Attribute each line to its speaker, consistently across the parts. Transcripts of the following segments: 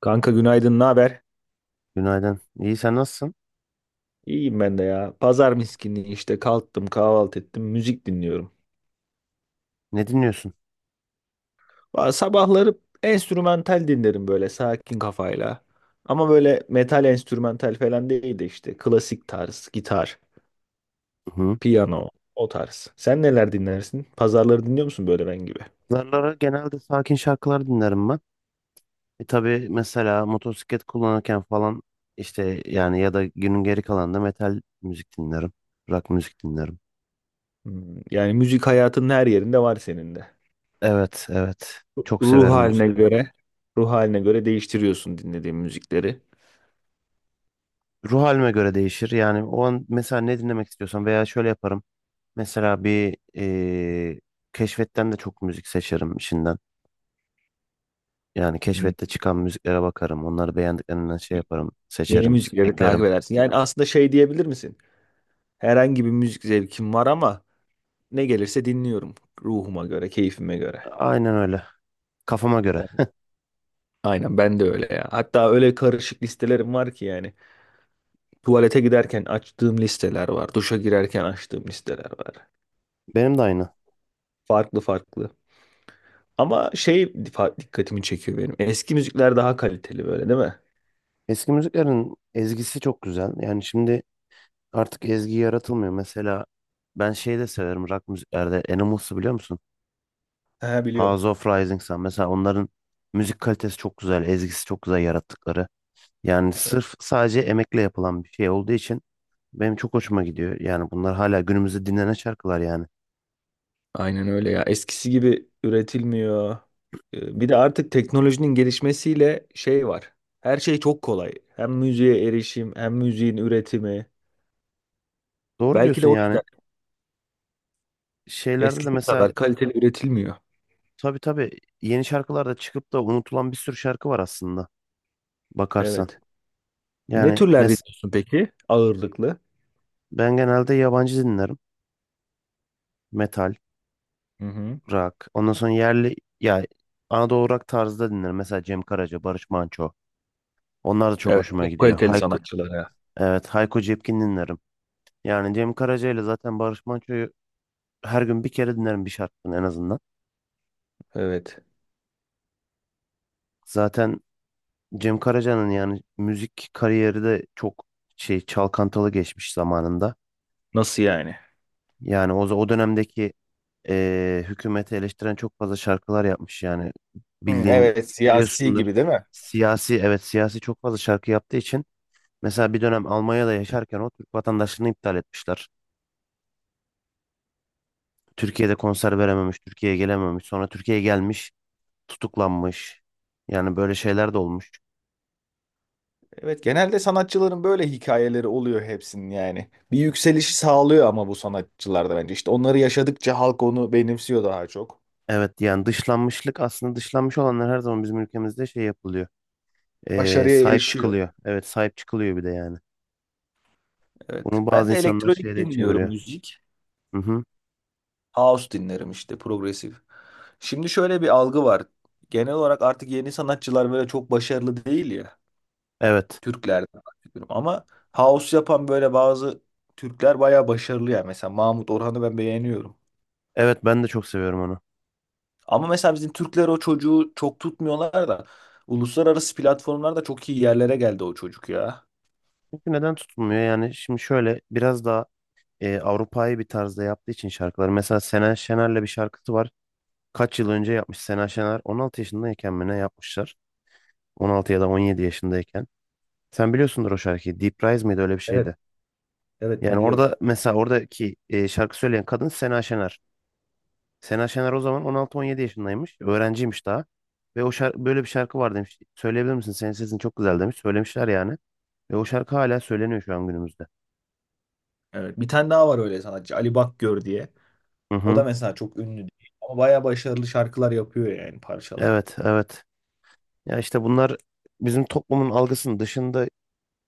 Speaker 1: Kanka günaydın, ne haber?
Speaker 2: Günaydın. İyi sen nasılsın?
Speaker 1: İyiyim ben de ya. Pazar miskinliği işte kalktım, kahvaltı ettim, müzik dinliyorum.
Speaker 2: Ne dinliyorsun?
Speaker 1: Sabahları enstrümantal dinlerim böyle sakin kafayla. Ama böyle metal enstrümantal falan değil de işte klasik tarz, gitar,
Speaker 2: Hı.
Speaker 1: piyano o tarz. Sen neler dinlersin? Pazarları dinliyor musun böyle ben gibi?
Speaker 2: Zarlara genelde sakin şarkılar dinlerim ben. E tabii mesela motosiklet kullanırken falan işte yani ya da günün geri kalanında metal müzik dinlerim. Rock müzik dinlerim.
Speaker 1: Hmm, yani müzik hayatının her yerinde var senin de.
Speaker 2: Evet, evet. Çok
Speaker 1: Ruh
Speaker 2: severim müzik.
Speaker 1: haline göre, ruh haline göre değiştiriyorsun dinlediğin müzikleri.
Speaker 2: Ruh halime göre değişir. Yani o an mesela ne dinlemek istiyorsam veya şöyle yaparım. Mesela bir keşfetten de çok müzik seçerim işinden. Yani
Speaker 1: Hmm.
Speaker 2: keşfette çıkan müziklere bakarım. Onları beğendiklerinden şey yaparım,
Speaker 1: Yeni
Speaker 2: seçerim,
Speaker 1: müzikleri takip
Speaker 2: eklerim.
Speaker 1: edersin. Yani aslında şey diyebilir misin? Herhangi bir müzik zevkim var ama ne gelirse dinliyorum ruhuma göre, keyfime göre.
Speaker 2: Aynen öyle. Kafama göre.
Speaker 1: Ben, aynen ben de öyle ya. Hatta öyle karışık listelerim var ki yani. Tuvalete giderken açtığım listeler var. Duşa girerken açtığım listeler var.
Speaker 2: Benim de aynı.
Speaker 1: Farklı farklı. Ama dikkatimi çekiyor benim. Eski müzikler daha kaliteli böyle değil mi?
Speaker 2: Eski müziklerin ezgisi çok güzel. Yani şimdi artık ezgi yaratılmıyor. Mesela ben şeyi de severim rock müziklerde. Animals'ı biliyor musun?
Speaker 1: Ha biliyorum.
Speaker 2: House of Rising Sun. Mesela onların müzik kalitesi çok güzel. Ezgisi çok güzel yarattıkları. Yani sırf sadece emekle yapılan bir şey olduğu için benim çok hoşuma gidiyor. Yani bunlar hala günümüzde dinlenen şarkılar yani.
Speaker 1: Aynen öyle ya. Eskisi gibi üretilmiyor. Bir de artık teknolojinin gelişmesiyle şey var. Her şey çok kolay. Hem müziğe erişim, hem müziğin üretimi.
Speaker 2: Doğru
Speaker 1: Belki de
Speaker 2: diyorsun
Speaker 1: o
Speaker 2: yani.
Speaker 1: yüzden
Speaker 2: Şeylerde de
Speaker 1: eskisi
Speaker 2: mesela
Speaker 1: kadar kaliteli üretilmiyor.
Speaker 2: tabii tabii yeni şarkılarda çıkıp da unutulan bir sürü şarkı var aslında bakarsan.
Speaker 1: Evet. Ne
Speaker 2: Yani
Speaker 1: türler dinliyorsun peki? Ağırlıklı.
Speaker 2: ben genelde yabancı dinlerim. Metal,
Speaker 1: Hı hı.
Speaker 2: rock. Ondan sonra yerli ya Anadolu rock tarzda dinlerim. Mesela Cem Karaca, Barış Manço. Onlar da çok
Speaker 1: Evet.
Speaker 2: hoşuma
Speaker 1: Çok
Speaker 2: gidiyor.
Speaker 1: kaliteli
Speaker 2: Hayko,
Speaker 1: sanatçılara.
Speaker 2: evet Hayko Cepkin dinlerim. Yani Cem Karaca ile zaten Barış Manço'yu her gün bir kere dinlerim bir şarkını en azından.
Speaker 1: Evet.
Speaker 2: Zaten Cem Karaca'nın yani müzik kariyeri de çok şey çalkantalı geçmiş zamanında.
Speaker 1: Nasıl yani?
Speaker 2: Yani o dönemdeki hükümeti eleştiren çok fazla şarkılar yapmış yani
Speaker 1: Hmm,
Speaker 2: bildiğin
Speaker 1: evet siyasi
Speaker 2: biliyorsundur
Speaker 1: gibi değil mi?
Speaker 2: siyasi evet siyasi çok fazla şarkı yaptığı için mesela bir dönem Almanya'da yaşarken o Türk vatandaşlığını iptal etmişler. Türkiye'de konser verememiş, Türkiye'ye gelememiş. Sonra Türkiye'ye gelmiş, tutuklanmış. Yani böyle şeyler de olmuş.
Speaker 1: Evet genelde sanatçıların böyle hikayeleri oluyor hepsinin yani. Bir yükselişi sağlıyor ama bu sanatçılarda bence. İşte onları yaşadıkça halk onu benimsiyor daha çok.
Speaker 2: Evet yani dışlanmışlık aslında dışlanmış olanlar her zaman bizim ülkemizde şey yapılıyor. E,
Speaker 1: Başarıya
Speaker 2: sahip
Speaker 1: erişiyor.
Speaker 2: çıkılıyor. Evet sahip çıkılıyor bir de yani.
Speaker 1: Evet.
Speaker 2: Bunu bazı
Speaker 1: Ben de
Speaker 2: insanlar
Speaker 1: elektronik
Speaker 2: şeyde
Speaker 1: dinliyorum
Speaker 2: çeviriyor.
Speaker 1: müzik.
Speaker 2: Hı hı.
Speaker 1: House dinlerim işte progresif. Şimdi şöyle bir algı var. Genel olarak artık yeni sanatçılar böyle çok başarılı değil ya.
Speaker 2: Evet.
Speaker 1: Türklerden bahsediyorum. Ama house yapan böyle bazı Türkler bayağı başarılı ya. Mesela Mahmut Orhan'ı ben beğeniyorum.
Speaker 2: Evet ben de çok seviyorum onu.
Speaker 1: Ama mesela bizim Türkler o çocuğu çok tutmuyorlar da uluslararası platformlarda çok iyi yerlere geldi o çocuk ya.
Speaker 2: Çünkü neden tutulmuyor? Yani şimdi şöyle biraz daha Avrupa'yı bir tarzda yaptığı için şarkıları. Mesela Sena Şener'le bir şarkısı var. Kaç yıl önce yapmış Sena Şener? 16 yaşındayken mi ne yapmışlar? 16 ya da 17 yaşındayken. Sen biliyorsundur o şarkıyı. Deep Rise miydi öyle bir
Speaker 1: Evet,
Speaker 2: şeydi.
Speaker 1: evet
Speaker 2: Yani
Speaker 1: biliyorum.
Speaker 2: orada mesela oradaki şarkı söyleyen kadın Sena Şener. Sena Şener o zaman 16-17 yaşındaymış. Öğrenciymiş daha. Ve o şarkı, böyle bir şarkı var demiş. Söyleyebilir misin? Senin sesin çok güzel demiş. Söylemişler yani. Ve o şarkı hala söyleniyor şu an günümüzde.
Speaker 1: Evet, bir tane daha var öyle sanatçı Ali Bakgör diye.
Speaker 2: Hı
Speaker 1: O da
Speaker 2: hı.
Speaker 1: mesela çok ünlü değil ama bayağı başarılı şarkılar yapıyor yani parçalar.
Speaker 2: Evet, evet. Ya işte bunlar bizim toplumun algısının dışında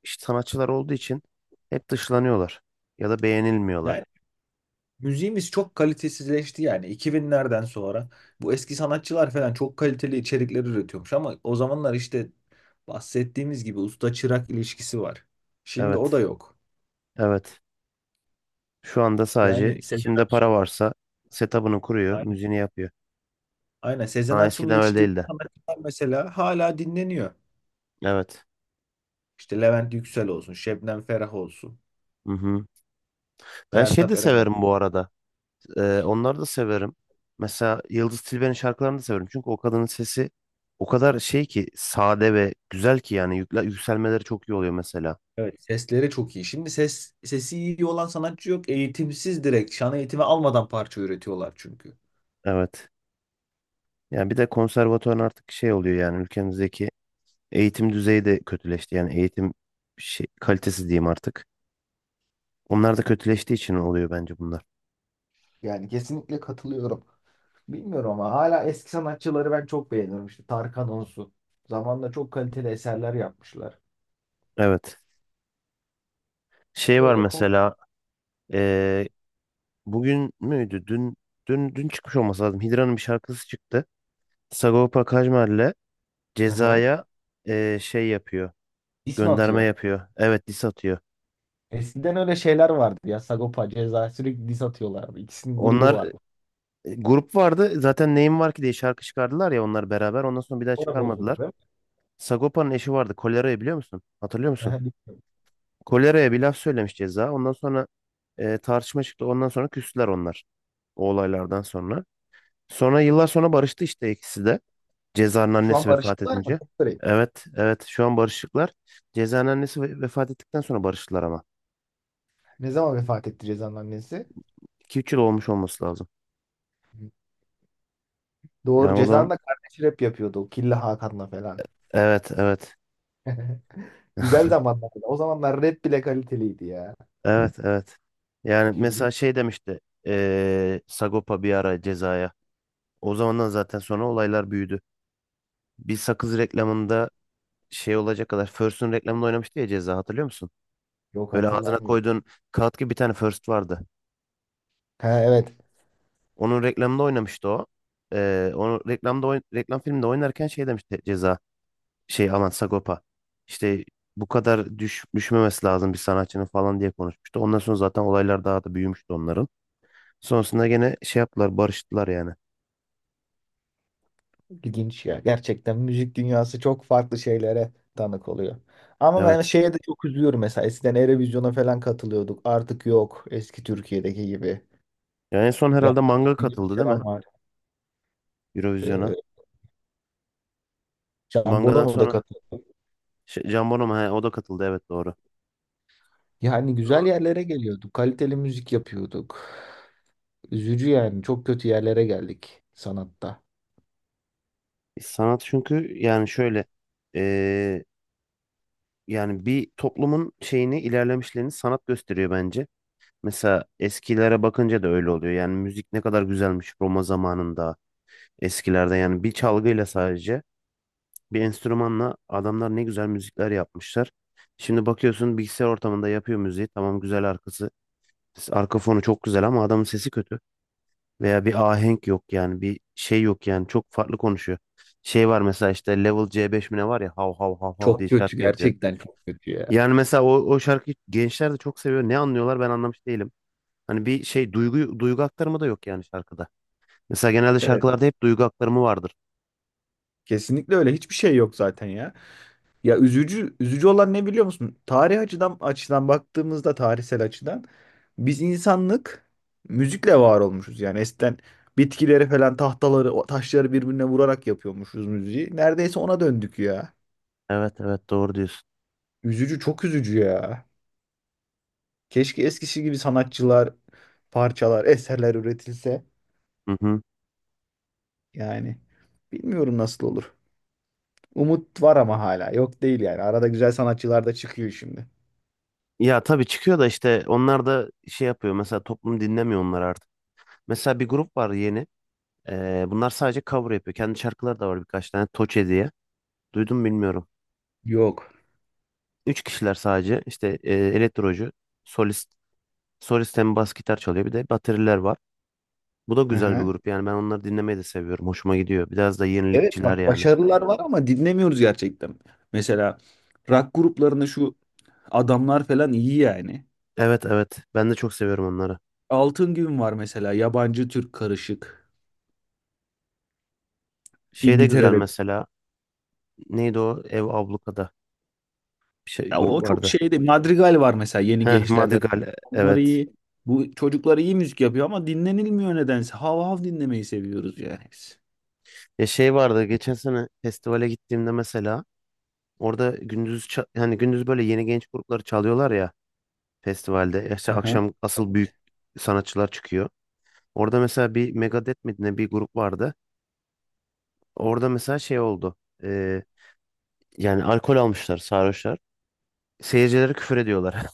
Speaker 2: işte sanatçılar olduğu için hep dışlanıyorlar ya da beğenilmiyorlar.
Speaker 1: Yani müziğimiz çok kalitesizleşti yani 2000'lerden sonra. Bu eski sanatçılar falan çok kaliteli içerikler üretiyormuş ama o zamanlar işte bahsettiğimiz gibi usta çırak ilişkisi var. Şimdi o da
Speaker 2: Evet,
Speaker 1: yok.
Speaker 2: evet. Şu anda sadece
Speaker 1: Yani Sezen
Speaker 2: kimde para varsa setup'ını kuruyor, müziğini yapıyor.
Speaker 1: Aynen Sezen
Speaker 2: Ama
Speaker 1: Aksu'nun
Speaker 2: eskiden öyle
Speaker 1: yetiştirdiği
Speaker 2: değildi.
Speaker 1: sanatçılar mesela hala dinleniyor.
Speaker 2: Evet.
Speaker 1: İşte Levent Yüksel olsun, Şebnem Ferah olsun,
Speaker 2: Hı hı. Ben şey
Speaker 1: Sertab
Speaker 2: de
Speaker 1: Erener.
Speaker 2: severim bu arada. Onları da severim. Mesela Yıldız Tilbe'nin şarkılarını da severim. Çünkü o kadının sesi o kadar şey ki sade ve güzel ki yani yükselmeleri çok iyi oluyor mesela.
Speaker 1: Evet sesleri çok iyi. Şimdi sesi iyi olan sanatçı yok. Eğitimsiz direkt şan eğitimi almadan parça üretiyorlar çünkü.
Speaker 2: Evet. Yani bir de konservatuvar artık şey oluyor yani ülkemizdeki eğitim düzeyi de kötüleşti. Yani eğitim şey, kalitesi diyeyim artık. Onlar da kötüleştiği için oluyor bence bunlar.
Speaker 1: Yani kesinlikle katılıyorum. Bilmiyorum ama hala eski sanatçıları ben çok beğeniyorum. İşte Tarkan olsun. Zamanında çok kaliteli eserler yapmışlar.
Speaker 2: Evet. Şey var
Speaker 1: Öyle ko
Speaker 2: mesela eee, bugün müydü? Dün çıkmış olması lazım. Hidra'nın bir şarkısı çıktı. Sagopa Kajmer'le
Speaker 1: Hı hı.
Speaker 2: Ceza'ya şey yapıyor.
Speaker 1: ismi
Speaker 2: Gönderme
Speaker 1: atıyor.
Speaker 2: yapıyor. Evet diss atıyor.
Speaker 1: Eskiden öyle şeyler vardı ya. Sagopa, Ceza sürekli diss atıyorlardı. İkisinin grubu
Speaker 2: Onlar
Speaker 1: vardı.
Speaker 2: grup vardı. Zaten neyim var ki diye şarkı çıkardılar ya onlar beraber. Ondan sonra bir daha
Speaker 1: Sonra bozuldu
Speaker 2: çıkarmadılar.
Speaker 1: değil mi?
Speaker 2: Sagopa'nın eşi vardı. Kolera'yı biliyor musun? Hatırlıyor musun?
Speaker 1: Aha, bilmiyorum.
Speaker 2: Kolera'ya bir laf söylemiş Ceza. Ondan sonra tartışma çıktı. Ondan sonra küstüler onlar. O olaylardan sonra. Sonra yıllar sonra barıştı işte ikisi de. Ceza'nın
Speaker 1: Şu an
Speaker 2: annesi vefat
Speaker 1: barışıklar mı?
Speaker 2: edince.
Speaker 1: Çok garip.
Speaker 2: Evet, evet. Şu an barışıklar. Ceza'nın annesi vefat ettikten sonra barıştılar ama.
Speaker 1: Ne zaman vefat etti Ceza'nın annesi?
Speaker 2: 2-3 yıl olmuş olması lazım.
Speaker 1: Doğru
Speaker 2: Yani o zaman
Speaker 1: Ceza'nın da kardeşi rap yapıyordu. Killa Hakan'la falan.
Speaker 2: evet, evet.
Speaker 1: Güzel zamanlardı. O zamanlar rap bile kaliteliydi ya.
Speaker 2: Evet, evet. Yani
Speaker 1: Şimdi
Speaker 2: mesela şey demişti. Sagopa bir ara Ceza'ya. O zamandan zaten sonra olaylar büyüdü. Bir sakız reklamında şey olacak kadar First'un reklamında oynamıştı ya Ceza hatırlıyor musun?
Speaker 1: yok
Speaker 2: Böyle ağzına
Speaker 1: hatırlamıyorum.
Speaker 2: koyduğun kağıt gibi bir tane First vardı.
Speaker 1: Ha evet.
Speaker 2: Onun reklamında oynamıştı o. Onu reklamda reklam filminde oynarken şey demişti Ceza şey aman Sagopa. İşte bu kadar düşmemesi lazım bir sanatçının falan diye konuşmuştu. Ondan sonra zaten olaylar daha da büyümüştü onların. Sonrasında gene şey yaptılar barıştılar yani.
Speaker 1: İlginç ya. Gerçekten müzik dünyası çok farklı şeylere tanık oluyor. Ama ben
Speaker 2: Evet.
Speaker 1: şeye de çok üzülüyorum mesela. Eskiden Eurovision'a falan katılıyorduk. Artık yok. Eski Türkiye'deki gibi.
Speaker 2: Yani en son
Speaker 1: Yani
Speaker 2: herhalde Manga
Speaker 1: bir
Speaker 2: katıldı değil mi?
Speaker 1: selam var.
Speaker 2: Eurovision'a.
Speaker 1: Ee, Can
Speaker 2: Mangadan
Speaker 1: Bonomo da
Speaker 2: sonra
Speaker 1: katıldı.
Speaker 2: şey, Can Bono mu? He, o da katıldı evet doğru.
Speaker 1: Yani güzel yerlere geliyorduk. Kaliteli müzik yapıyorduk. Üzücü yani. Çok kötü yerlere geldik sanatta.
Speaker 2: Sanat çünkü yani şöyle eee, yani bir toplumun şeyini ilerlemişlerini sanat gösteriyor bence. Mesela eskilere bakınca da öyle oluyor. Yani müzik ne kadar güzelmiş Roma zamanında eskilerde yani bir çalgıyla sadece bir enstrümanla adamlar ne güzel müzikler yapmışlar. Şimdi bakıyorsun bilgisayar ortamında yapıyor müziği tamam güzel arka fonu çok güzel ama adamın sesi kötü. Veya bir ahenk yok yani bir şey yok yani çok farklı konuşuyor. Şey var mesela işte Level c beş mi ne var ya hav hav hav hav
Speaker 1: Çok
Speaker 2: diye
Speaker 1: kötü
Speaker 2: şarkı yapıyor.
Speaker 1: gerçekten çok kötü ya.
Speaker 2: Yani mesela o şarkıyı gençler de çok seviyor. Ne anlıyorlar ben anlamış değilim. Hani bir şey duygu aktarımı da yok yani şarkıda. Mesela genelde
Speaker 1: Evet.
Speaker 2: şarkılarda hep duygu aktarımı vardır.
Speaker 1: Kesinlikle öyle. Hiçbir şey yok zaten ya. Ya üzücü olan ne biliyor musun? Tarih açıdan açıdan baktığımızda tarihsel açıdan biz insanlık müzikle var olmuşuz. Yani eskiden bitkileri falan tahtaları o taşları birbirine vurarak yapıyormuşuz müziği. Neredeyse ona döndük ya.
Speaker 2: Evet evet doğru diyorsun.
Speaker 1: Üzücü çok üzücü ya. Keşke eskisi gibi sanatçılar, parçalar, eserler üretilse.
Speaker 2: Hı hı.
Speaker 1: Yani bilmiyorum nasıl olur. Umut var ama hala. Yok değil yani. Arada güzel sanatçılar da çıkıyor şimdi.
Speaker 2: Ya tabii çıkıyor da işte onlar da şey yapıyor. Mesela toplum dinlemiyor onları artık. Mesela bir grup var yeni. Bunlar sadece cover yapıyor. Kendi şarkıları da var birkaç tane. Toçe diye. Duydun mu bilmiyorum.
Speaker 1: Yok.
Speaker 2: Üç kişiler sadece işte elektrocu, solist, solist hem bas gitar çalıyor bir de bateriler var. Bu da
Speaker 1: Hı
Speaker 2: güzel bir
Speaker 1: hı.
Speaker 2: grup yani ben onları dinlemeyi de seviyorum. Hoşuma gidiyor. Biraz da
Speaker 1: Evet
Speaker 2: yenilikçiler
Speaker 1: bak
Speaker 2: yani.
Speaker 1: başarılar var ama dinlemiyoruz gerçekten. Mesela rock gruplarında şu adamlar falan iyi yani.
Speaker 2: Evet evet ben de çok seviyorum onları.
Speaker 1: Altın Gün var mesela yabancı Türk karışık.
Speaker 2: Şey de güzel
Speaker 1: İngiltere'de
Speaker 2: mesela neydi o Ev Abluka'da bir şey
Speaker 1: Ya
Speaker 2: grup
Speaker 1: o çok
Speaker 2: vardı.
Speaker 1: şeyde Madrigal var mesela yeni
Speaker 2: Heh
Speaker 1: gençlerde.
Speaker 2: Madrigal
Speaker 1: Onlar
Speaker 2: evet.
Speaker 1: iyi. Bu çocuklar iyi müzik yapıyor ama dinlenilmiyor nedense. Hav hav dinlemeyi seviyoruz yani biz.
Speaker 2: Ya şey vardı geçen sene festivale gittiğimde mesela orada gündüz hani gündüz böyle yeni genç grupları çalıyorlar ya festivalde. Ya İşte
Speaker 1: Hı hı.
Speaker 2: akşam asıl büyük sanatçılar çıkıyor. Orada mesela bir Megadeth mi ne bir grup vardı. Orada mesela şey oldu. Ee, yani alkol almışlar sarhoşlar. Seyircilere küfür ediyorlar.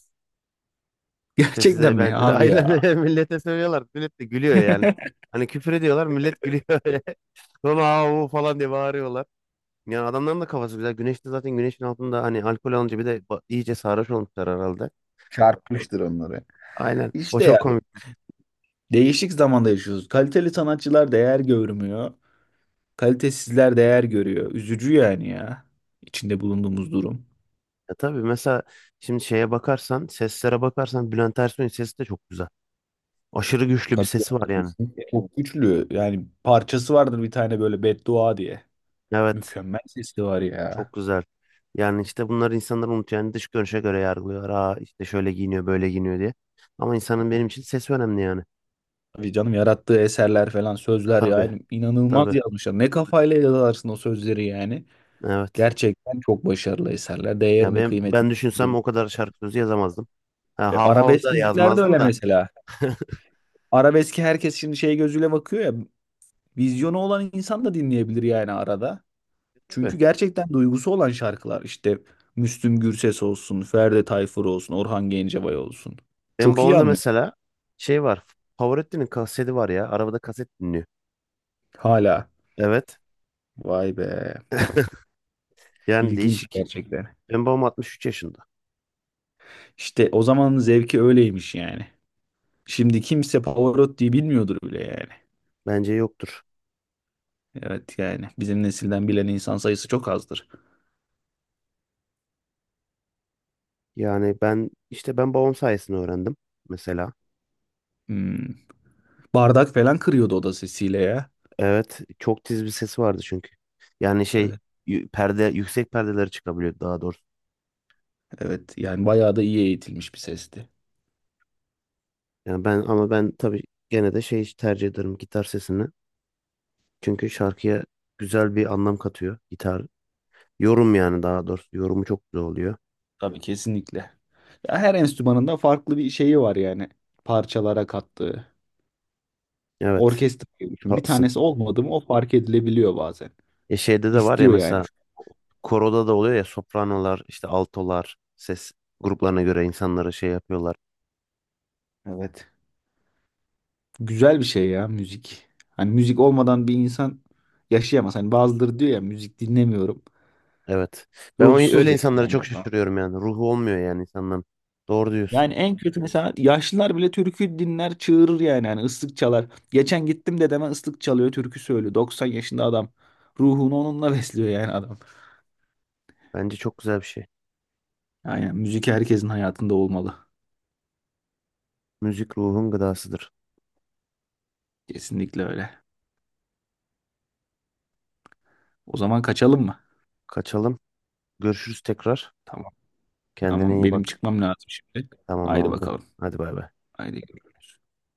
Speaker 2: İşte
Speaker 1: Gerçekten
Speaker 2: size ben
Speaker 1: mi abi
Speaker 2: aynen
Speaker 1: ya?
Speaker 2: millete söylüyorlar. Millet de gülüyor yani. Hani küfür ediyorlar millet gülüyor öyle. Sonra "Aa, o" falan diye bağırıyorlar. Yani adamların da kafası güzel. Güneşte zaten güneşin altında hani alkol alınca bir de iyice sarhoş olmuşlar herhalde.
Speaker 1: Çarpmıştır onları.
Speaker 2: Aynen. O
Speaker 1: İşte ya
Speaker 2: çok komik.
Speaker 1: değişik zamanda yaşıyoruz. Kaliteli sanatçılar değer görmüyor. Kalitesizler değer görüyor. Üzücü yani ya. İçinde bulunduğumuz durum.
Speaker 2: Ya tabii mesela şimdi şeye bakarsan, seslere bakarsan Bülent Ersoy'un sesi de çok güzel. Aşırı güçlü bir
Speaker 1: Tabii
Speaker 2: sesi var
Speaker 1: yani
Speaker 2: yani.
Speaker 1: kesinlikle. Çok güçlü. Yani parçası vardır bir tane böyle beddua diye.
Speaker 2: Evet.
Speaker 1: Mükemmel sesi var
Speaker 2: Çok
Speaker 1: ya.
Speaker 2: güzel. Yani işte bunlar insanlar unutuyor. Yani dış görünüşe göre yargılıyor. Aa işte şöyle giyiniyor, böyle giyiniyor diye. Ama insanın benim için sesi önemli yani.
Speaker 1: Tabii canım yarattığı eserler falan sözler
Speaker 2: Tabii,
Speaker 1: yani inanılmaz
Speaker 2: tabii.
Speaker 1: yazmışlar. Ne kafayla yazarsın o sözleri yani.
Speaker 2: Evet.
Speaker 1: Gerçekten çok başarılı eserler.
Speaker 2: Ya
Speaker 1: Değerini,
Speaker 2: ben
Speaker 1: kıymetini
Speaker 2: ben düşünsem
Speaker 1: biliyor.
Speaker 2: o kadar şarkı sözü yazamazdım. Ha,
Speaker 1: E,
Speaker 2: hav hav
Speaker 1: arabesk
Speaker 2: da
Speaker 1: müzikler de
Speaker 2: yazmazdım
Speaker 1: öyle
Speaker 2: da.
Speaker 1: mesela. Arabeski herkes şimdi şey gözüyle bakıyor ya. Vizyonu olan insan da dinleyebilir yani arada.
Speaker 2: Tabii.
Speaker 1: Çünkü gerçekten duygusu olan şarkılar işte Müslüm Gürses olsun, Ferdi Tayfur olsun, Orhan Gencebay olsun.
Speaker 2: Benim
Speaker 1: Çok iyi
Speaker 2: babamda
Speaker 1: anlıyor
Speaker 2: mesela şey var. Favorettin'in kaseti var ya. Arabada kaset dinliyor.
Speaker 1: hala.
Speaker 2: Evet.
Speaker 1: Vay be.
Speaker 2: Yani
Speaker 1: İlginç
Speaker 2: değişik.
Speaker 1: gerçekten.
Speaker 2: Benim babam 63 yaşında.
Speaker 1: İşte o zamanın zevki öyleymiş yani. Şimdi kimse Pavarotti'yi bilmiyordur bile yani.
Speaker 2: Bence yoktur.
Speaker 1: Evet yani bizim nesilden bilen insan sayısı çok azdır.
Speaker 2: Yani ben işte ben babam sayesinde öğrendim mesela.
Speaker 1: Hmm. Bardak falan kırıyordu o da sesiyle ya.
Speaker 2: Evet, çok tiz bir sesi vardı çünkü. Yani şey
Speaker 1: Evet,
Speaker 2: perde yüksek perdeleri çıkabiliyor daha doğrusu.
Speaker 1: evet yani bayağı da iyi eğitilmiş bir sesti.
Speaker 2: Yani ben ama ben tabii gene de şey tercih ederim gitar sesini. Çünkü şarkıya güzel bir anlam katıyor gitar. Yorum yani daha doğrusu yorumu çok güzel oluyor.
Speaker 1: Tabii kesinlikle. Ya her enstrümanın da farklı bir şeyi var yani parçalara kattığı.
Speaker 2: Evet,
Speaker 1: Orkestra gibi düşün. Bir
Speaker 2: haklısın.
Speaker 1: tanesi olmadı mı o fark edilebiliyor bazen.
Speaker 2: E şeyde de var ya
Speaker 1: İstiyor yani.
Speaker 2: mesela koroda da oluyor ya sopranolar, işte altolar ses gruplarına göre insanları şey yapıyorlar.
Speaker 1: Evet. Güzel bir şey ya müzik. Hani müzik olmadan bir insan yaşayamaz. Hani bazıları diyor ya müzik dinlemiyorum.
Speaker 2: Evet. Ben
Speaker 1: Ruhsuz
Speaker 2: öyle
Speaker 1: yani
Speaker 2: insanlara çok
Speaker 1: bence o zaman.
Speaker 2: şaşırıyorum yani. Ruhu olmuyor yani insanların. Doğru diyorsun.
Speaker 1: Yani en kötü mesela yaşlılar bile türkü dinler çığırır yani ıslık çalar. Geçen gittim dedeme ıslık çalıyor türkü söylüyor. 90 yaşında adam. Ruhunu onunla besliyor yani adam.
Speaker 2: Bence çok güzel bir şey.
Speaker 1: Aynen müzik herkesin hayatında olmalı.
Speaker 2: Müzik ruhun gıdasıdır.
Speaker 1: Kesinlikle öyle. O zaman kaçalım mı?
Speaker 2: Kaçalım. Görüşürüz tekrar.
Speaker 1: Tamam.
Speaker 2: Kendine
Speaker 1: Tamam
Speaker 2: iyi
Speaker 1: benim
Speaker 2: bak.
Speaker 1: çıkmam lazım şimdi.
Speaker 2: Tamam
Speaker 1: Haydi
Speaker 2: oldu.
Speaker 1: bakalım.
Speaker 2: Hadi bay bay.
Speaker 1: Haydi görüşürüz.